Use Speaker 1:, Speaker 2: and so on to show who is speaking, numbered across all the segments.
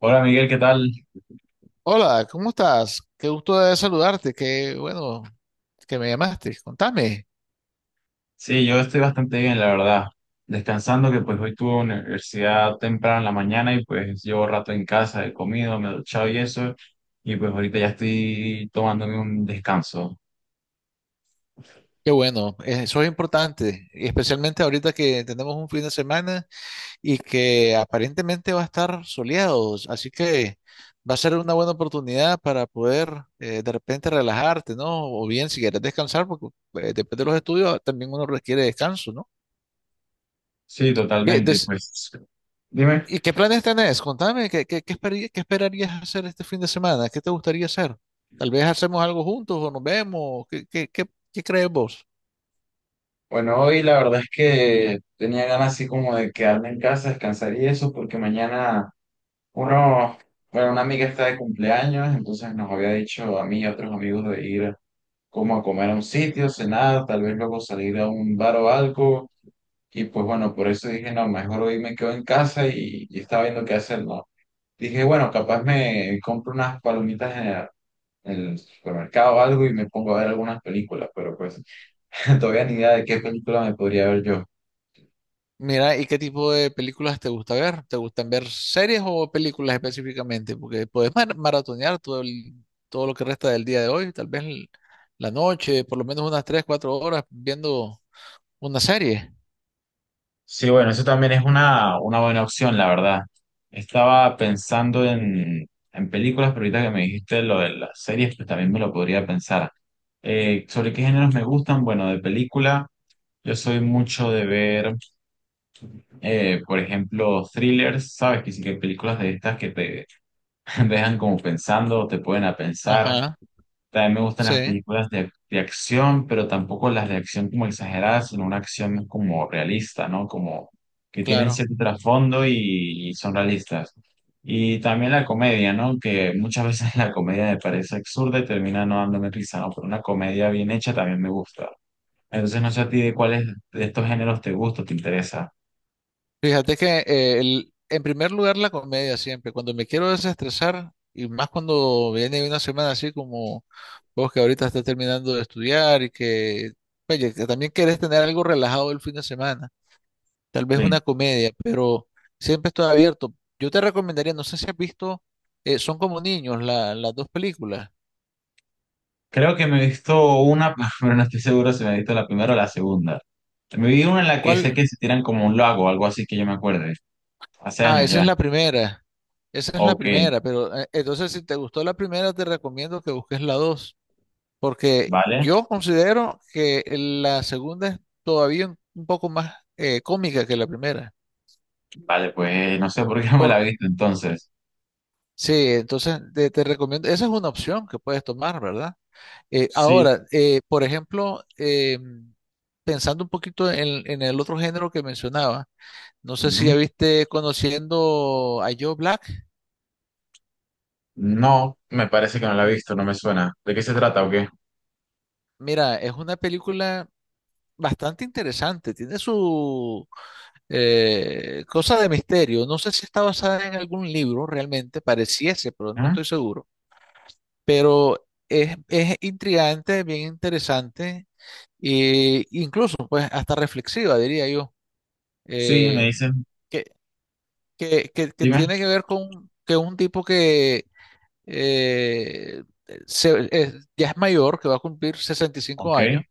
Speaker 1: Hola Miguel, ¿qué tal?
Speaker 2: Hola, ¿cómo estás? Qué gusto de saludarte, qué bueno que me llamaste. Contame.
Speaker 1: Sí, yo estoy bastante bien, la verdad. Descansando que pues hoy tuve universidad temprano en la mañana y pues llevo rato en casa, he comido, me he duchado y eso, y pues ahorita ya estoy tomándome un descanso.
Speaker 2: Qué bueno, eso es importante, y especialmente ahorita que tenemos un fin de semana y que aparentemente va a estar soleado, así que va a ser una buena oportunidad para poder de repente relajarte, ¿no? O bien si quieres descansar, porque después de los estudios también uno requiere descanso, ¿no?
Speaker 1: Sí,
Speaker 2: ¿Qué,
Speaker 1: totalmente,
Speaker 2: des-
Speaker 1: pues dime.
Speaker 2: ¿Y qué planes tenés? Contame, ¿qué esperarías hacer este fin de semana? ¿Qué te gustaría hacer? Tal vez hacemos algo juntos o nos vemos. ¿Qué crees vos?
Speaker 1: Bueno, hoy la verdad es que tenía ganas así como de quedarme en casa, descansar y eso, porque mañana uno, bueno, una amiga está de cumpleaños, entonces nos había dicho a mí y a otros amigos de ir, como a comer a un sitio, cenar, tal vez luego salir a un bar o algo. Y pues bueno, por eso dije, no, mejor hoy me quedo en casa y estaba viendo qué hacer, ¿no? Dije, bueno, capaz me compro unas palomitas en en el supermercado o algo y me pongo a ver algunas películas, pero pues todavía ni idea de qué película me podría ver yo.
Speaker 2: Mira, ¿y qué tipo de películas te gusta ver? ¿Te gustan ver series o películas específicamente? Porque podés maratonear todo lo que resta del día de hoy, tal vez la noche, por lo menos unas 3 4 horas viendo una serie.
Speaker 1: Sí, bueno, eso también es una buena opción, la verdad. Estaba en películas, pero ahorita que me dijiste lo de las series, pues también me lo podría pensar. ¿Sobre qué géneros me gustan? Bueno, de película, yo soy mucho de ver, por ejemplo, thrillers, ¿sabes? Que sí que hay películas de estas que te dejan como pensando, te pueden a pensar.
Speaker 2: Ajá,
Speaker 1: También me gustan las
Speaker 2: sí,
Speaker 1: películas de acción, pero tampoco las de acción como exageradas, sino una acción como realista, ¿no? Como que tienen
Speaker 2: claro.
Speaker 1: cierto trasfondo y son realistas. Y también la comedia, ¿no? Que muchas veces la comedia me parece absurda y termina no dándome risa, ¿no? Pero una comedia bien hecha también me gusta. Entonces no sé a ti de cuáles de estos géneros te gusta, o te interesa.
Speaker 2: Fíjate que en primer lugar la comedia siempre, cuando me quiero desestresar y más cuando viene una semana así como vos que ahorita estás terminando de estudiar y que, oye, que también querés tener algo relajado el fin de semana, tal vez
Speaker 1: Sí.
Speaker 2: una comedia, pero siempre estoy abierto. Yo te recomendaría, no sé si has visto, son como niños las dos películas.
Speaker 1: Creo que me he visto una, pero no estoy seguro si me he visto la primera o la segunda. Me vi una en la que sé
Speaker 2: ¿Cuál?
Speaker 1: que se tiran como un lago, algo así que yo me acuerdo. Hace
Speaker 2: Ah,
Speaker 1: años
Speaker 2: esa es
Speaker 1: ya.
Speaker 2: la primera, esa es la
Speaker 1: Ok,
Speaker 2: primera, pero entonces si te gustó la primera te recomiendo que busques la dos. Porque
Speaker 1: vale.
Speaker 2: yo considero que la segunda es todavía un poco más cómica que la primera.
Speaker 1: Vale, pues no sé por qué no me
Speaker 2: Por,
Speaker 1: la he visto entonces.
Speaker 2: sí, entonces te recomiendo, esa es una opción que puedes tomar, ¿verdad? Eh,
Speaker 1: Sí.
Speaker 2: ahora, por ejemplo, pensando un poquito en, el otro género que mencionaba, no sé si ya
Speaker 1: Ujú.
Speaker 2: viste conociendo a Joe Black.
Speaker 1: No, me parece que no la he visto, no me suena. ¿De qué se trata o qué?
Speaker 2: Mira, es una película bastante interesante, tiene su cosa de misterio. No sé si está basada en algún libro realmente, pareciese, pero no
Speaker 1: ¿Ah?
Speaker 2: estoy seguro. Pero es intrigante, bien interesante e incluso pues hasta reflexiva, diría yo.
Speaker 1: Sí, me
Speaker 2: Eh,
Speaker 1: dicen.
Speaker 2: que, que
Speaker 1: Dime.
Speaker 2: tiene que ver con que un tipo que eh, ya es mayor, que va a cumplir sesenta y cinco
Speaker 1: Ok.
Speaker 2: años,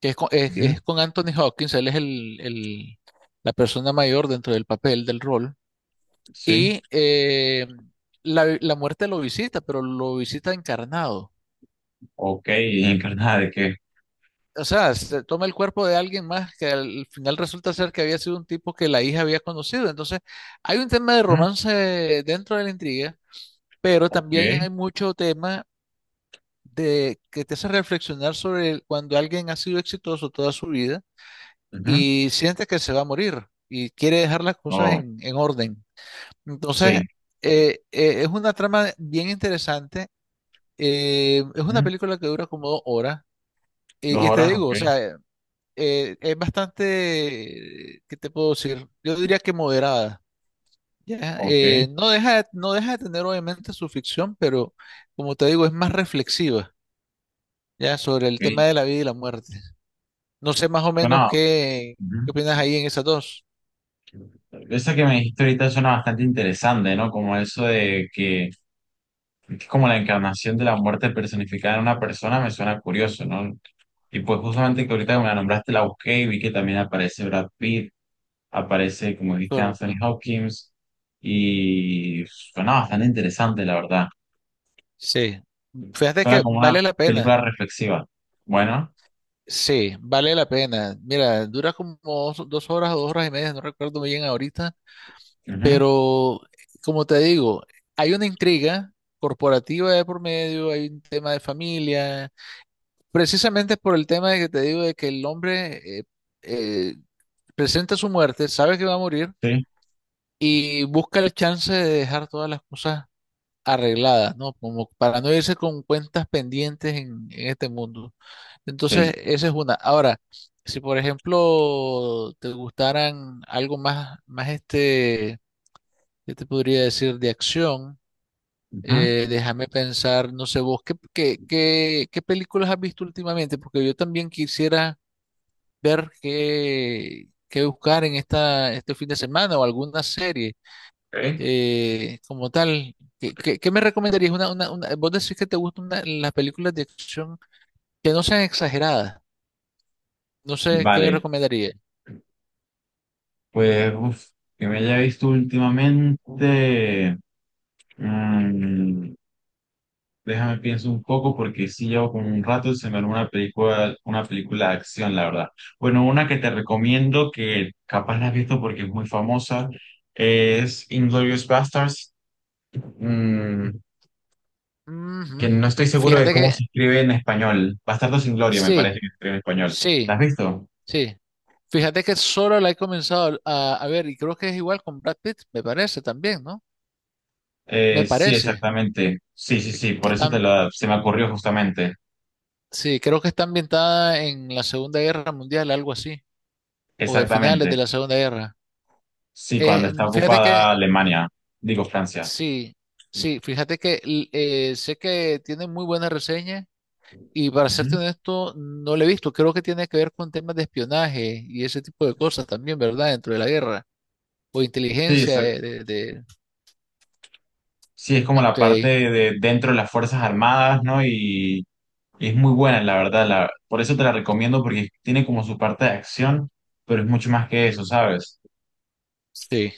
Speaker 2: que es con, es,
Speaker 1: Ujú.
Speaker 2: es con Anthony Hopkins, él es la persona mayor dentro del papel, del rol.
Speaker 1: Sí.
Speaker 2: Y eh, la muerte lo visita, pero lo visita encarnado.
Speaker 1: Ok, ¿y encarnada de qué?
Speaker 2: O sea, se toma el cuerpo de alguien más que al final resulta ser que había sido un tipo que la hija había conocido. Entonces, hay un tema de
Speaker 1: Ujú.
Speaker 2: romance dentro de la intriga, pero
Speaker 1: Ok.
Speaker 2: también hay mucho tema de que te hace reflexionar sobre cuando alguien ha sido exitoso toda su vida
Speaker 1: Ujú.
Speaker 2: y siente que se va a morir y quiere dejar las cosas
Speaker 1: Oh,
Speaker 2: en, orden. Entonces,
Speaker 1: sí.
Speaker 2: es una trama bien interesante. Es una
Speaker 1: Ujú.
Speaker 2: película que dura como 2 horas.
Speaker 1: Dos
Speaker 2: Y te
Speaker 1: horas, ok.
Speaker 2: digo, o sea, es bastante, ¿qué te puedo decir? Yo diría que moderada. Ya,
Speaker 1: Ok,
Speaker 2: No deja de tener obviamente su ficción, pero como te digo, es más reflexiva, ya, sobre el tema
Speaker 1: ok.
Speaker 2: de la vida y la muerte. No sé más o menos
Speaker 1: Bueno,
Speaker 2: qué
Speaker 1: ujú.
Speaker 2: opinas ahí en esas dos.
Speaker 1: Esa que me dijiste ahorita suena bastante interesante, ¿no? Como eso de que es como la encarnación de la muerte personificada en una persona, me suena curioso, ¿no? Y pues justamente que ahorita que me la nombraste la busqué y vi que también aparece Brad Pitt, aparece, como dijiste, Anthony
Speaker 2: Correcto.
Speaker 1: Hopkins, y suena bastante interesante, la verdad.
Speaker 2: Sí. Fíjate
Speaker 1: Suena
Speaker 2: que
Speaker 1: como una
Speaker 2: vale la pena.
Speaker 1: película reflexiva. Bueno,
Speaker 2: Sí, vale la pena. Mira, dura como dos horas o 2 horas y media, no recuerdo bien ahorita.
Speaker 1: ujú,
Speaker 2: Pero, como te digo, hay una intriga corporativa de por medio, hay un tema de familia, precisamente por el tema de que te digo de que el hombre eh, presenta su muerte, sabe que va a morir
Speaker 1: sí,
Speaker 2: y busca la chance de dejar todas las cosas arregladas, ¿no? Como para no irse con cuentas pendientes en, este mundo. Entonces,
Speaker 1: sí.
Speaker 2: esa es una. Ahora, si por ejemplo te gustaran algo más. ¿Qué te podría decir de acción?
Speaker 1: Ujú,
Speaker 2: Déjame pensar, no sé vos, ¿qué películas has visto últimamente? Porque yo también quisiera ver qué buscar en este fin de semana o alguna serie
Speaker 1: ok.
Speaker 2: como tal. ¿Qué me recomendarías? Vos decís que te gustan las películas de acción que no sean exageradas. No sé, ¿qué me
Speaker 1: Vale,
Speaker 2: recomendarías?
Speaker 1: pues, que me haya visto últimamente. mm, Déjame pienso un poco porque sí llevo como un rato se me armó una película de acción, la verdad. Bueno, una que te recomiendo que capaz la has visto porque es muy famosa es Inglourious Basterds, mm,
Speaker 2: Ujú.
Speaker 1: que no estoy seguro de
Speaker 2: Fíjate
Speaker 1: cómo se
Speaker 2: que
Speaker 1: escribe en español. Bastardos sin Gloria me
Speaker 2: sí,
Speaker 1: parece que se escribe en español. ¿La has
Speaker 2: sí,
Speaker 1: visto?
Speaker 2: sí. Fíjate que solo la he comenzado a ver y creo que es igual con Brad Pitt, me parece también, ¿no? Me
Speaker 1: Sí,
Speaker 2: parece
Speaker 1: exactamente. Sí, sí, sí,
Speaker 2: que
Speaker 1: por eso te
Speaker 2: están,
Speaker 1: lo, se me ocurrió justamente.
Speaker 2: sí, creo que está ambientada en la Segunda Guerra Mundial, algo así, o de finales de
Speaker 1: Exactamente.
Speaker 2: la Segunda Guerra.
Speaker 1: Sí, cuando está
Speaker 2: Fíjate que,
Speaker 1: ocupada Alemania, digo Francia.
Speaker 2: sí, sí, fíjate que sé que tiene muy buena reseña y para serte
Speaker 1: Ujú.
Speaker 2: honesto, no la he visto. Creo que tiene que ver con temas de espionaje y ese tipo de cosas también, ¿verdad? Dentro de la guerra o
Speaker 1: Sí,
Speaker 2: inteligencia de.
Speaker 1: sí, es como la
Speaker 2: Ok,
Speaker 1: parte de dentro de las Fuerzas Armadas, ¿no? Y es muy buena, la verdad, la- por eso te la recomiendo, porque tiene como su parte de acción, pero es mucho más que eso, ¿sabes?
Speaker 2: sí.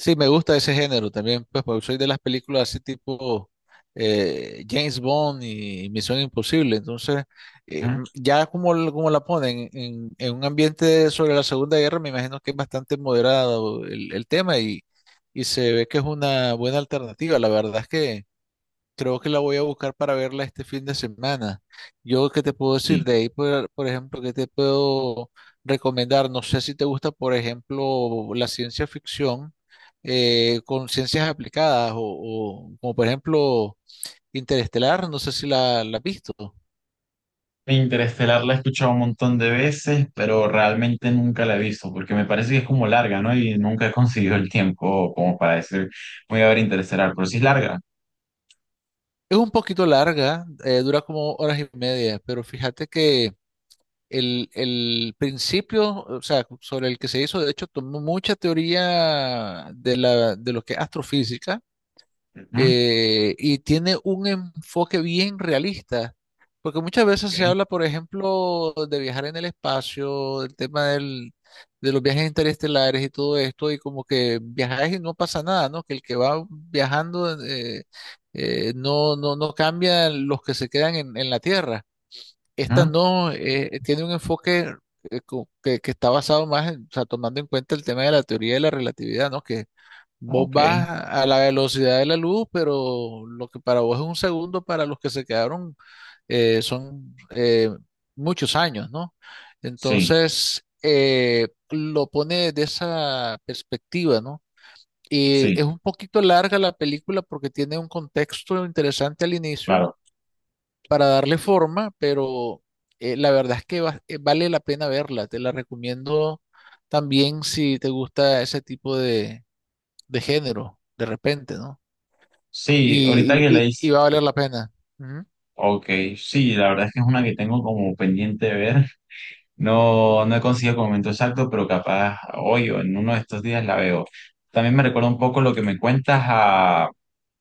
Speaker 2: Sí, me gusta ese género también, pues, porque soy de las películas así tipo James Bond y Misión Imposible. Entonces,
Speaker 1: Ujú.
Speaker 2: ya como la ponen en, un ambiente sobre la Segunda Guerra, me imagino que es bastante moderado el tema y se ve que es una buena alternativa. La verdad es que creo que la voy a buscar para verla este fin de semana. Yo, ¿qué te puedo decir?
Speaker 1: Sí.
Speaker 2: De ahí, por ejemplo, ¿qué te puedo recomendar? No sé si te gusta, por ejemplo, la ciencia ficción con ciencias aplicadas o como por ejemplo Interestelar, no sé si la has visto.
Speaker 1: Interestelar la he escuchado un montón de veces, pero realmente nunca la he visto, porque me parece que es como larga, ¿no? Y nunca he conseguido el tiempo como para decir, voy a ver Interestelar, pero sí es larga.
Speaker 2: Es un poquito larga, dura como horas y media, pero fíjate que el principio, o sea, sobre el que se hizo, de hecho, tomó mucha teoría de lo que es astrofísica,
Speaker 1: Ujú,
Speaker 2: y tiene un enfoque bien realista, porque muchas veces se
Speaker 1: ok,
Speaker 2: habla, por ejemplo, de viajar en el espacio, del tema de los viajes interestelares y todo esto, y como que viajar y no pasa nada, ¿no? Que el que va viajando no, no, no cambia los que se quedan en la Tierra. Esta
Speaker 1: ujú,
Speaker 2: no, tiene un enfoque que está basado más o sea, tomando en cuenta el tema de la teoría de la relatividad, ¿no? Que vos
Speaker 1: ok.
Speaker 2: vas a la velocidad de la luz, pero lo que para vos es un segundo, para los que se quedaron son muchos años, ¿no?
Speaker 1: Sí,
Speaker 2: Entonces, lo pone de esa perspectiva, ¿no? Y
Speaker 1: sí,
Speaker 2: es un poquito larga la película porque tiene un contexto interesante al inicio
Speaker 1: claro.
Speaker 2: para darle forma, pero la verdad es que vale la pena verla. Te la recomiendo también si te gusta ese tipo de género, de repente, ¿no?
Speaker 1: Sí, ahorita
Speaker 2: Y,
Speaker 1: que
Speaker 2: y, y-
Speaker 1: leí
Speaker 2: y va a valer la pena. Ujú.
Speaker 1: ok, sí, la verdad es que es una que tengo como pendiente de ver. No, no he conseguido el momento exacto, pero capaz hoy o en uno de estos días la veo. También me recuerda un poco lo que me cuentas a...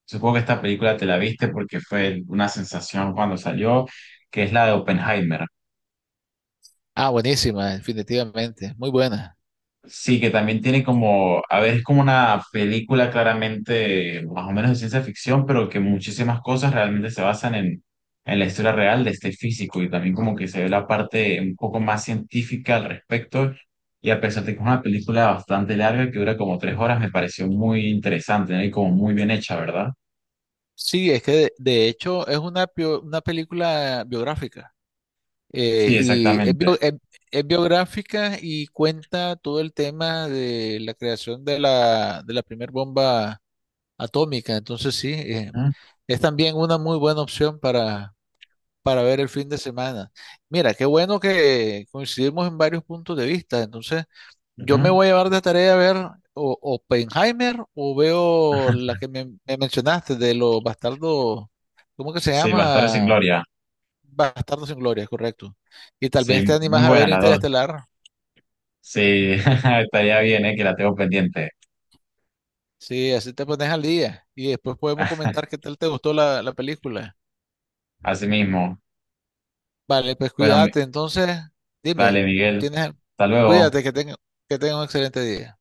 Speaker 1: Supongo que esta película te la viste porque fue una sensación cuando salió, que es la de Oppenheimer.
Speaker 2: Ah, buenísima, definitivamente. Muy buena.
Speaker 1: Sí, que también tiene como, a ver, es como una película claramente más o menos de ciencia ficción, pero que muchísimas cosas realmente se basan en la historia real de este físico y también como que se ve la parte un poco más científica al respecto. Y a pesar de que es una película bastante larga, que dura como 3 horas, me pareció muy interesante, ¿no? Y como muy bien hecha, ¿verdad?
Speaker 2: Sí, es que de hecho es una película biográfica.
Speaker 1: Sí,
Speaker 2: Y es,
Speaker 1: exactamente.
Speaker 2: bio- es- es biográfica y cuenta todo el tema de la creación de la primera bomba atómica. Entonces sí,
Speaker 1: Ujú,
Speaker 2: es también una muy buena opción para ver el fin de semana. Mira, qué bueno que coincidimos en varios puntos de vista. Entonces, yo me
Speaker 1: ujú.
Speaker 2: voy a llevar de tarea a ver o Oppenheimer o veo la que me mencionaste de los bastardos, ¿cómo que se
Speaker 1: Sí, Bastardos sin
Speaker 2: llama?
Speaker 1: Gloria.
Speaker 2: Bastardos sin Gloria, correcto. Y tal vez te
Speaker 1: Sí, muy
Speaker 2: animas a ver
Speaker 1: buenas las dos.
Speaker 2: Interestelar.
Speaker 1: Sí, estaría bien, ¿eh? Que la tengo pendiente.
Speaker 2: Sí, así te pones al día. Y después podemos comentar qué tal te gustó la película.
Speaker 1: Así mismo.
Speaker 2: Vale, pues
Speaker 1: Bueno,
Speaker 2: cuídate. Entonces, dime,
Speaker 1: dale, Miguel.
Speaker 2: tienes,
Speaker 1: Hasta luego.
Speaker 2: cuídate que tenga, un excelente día.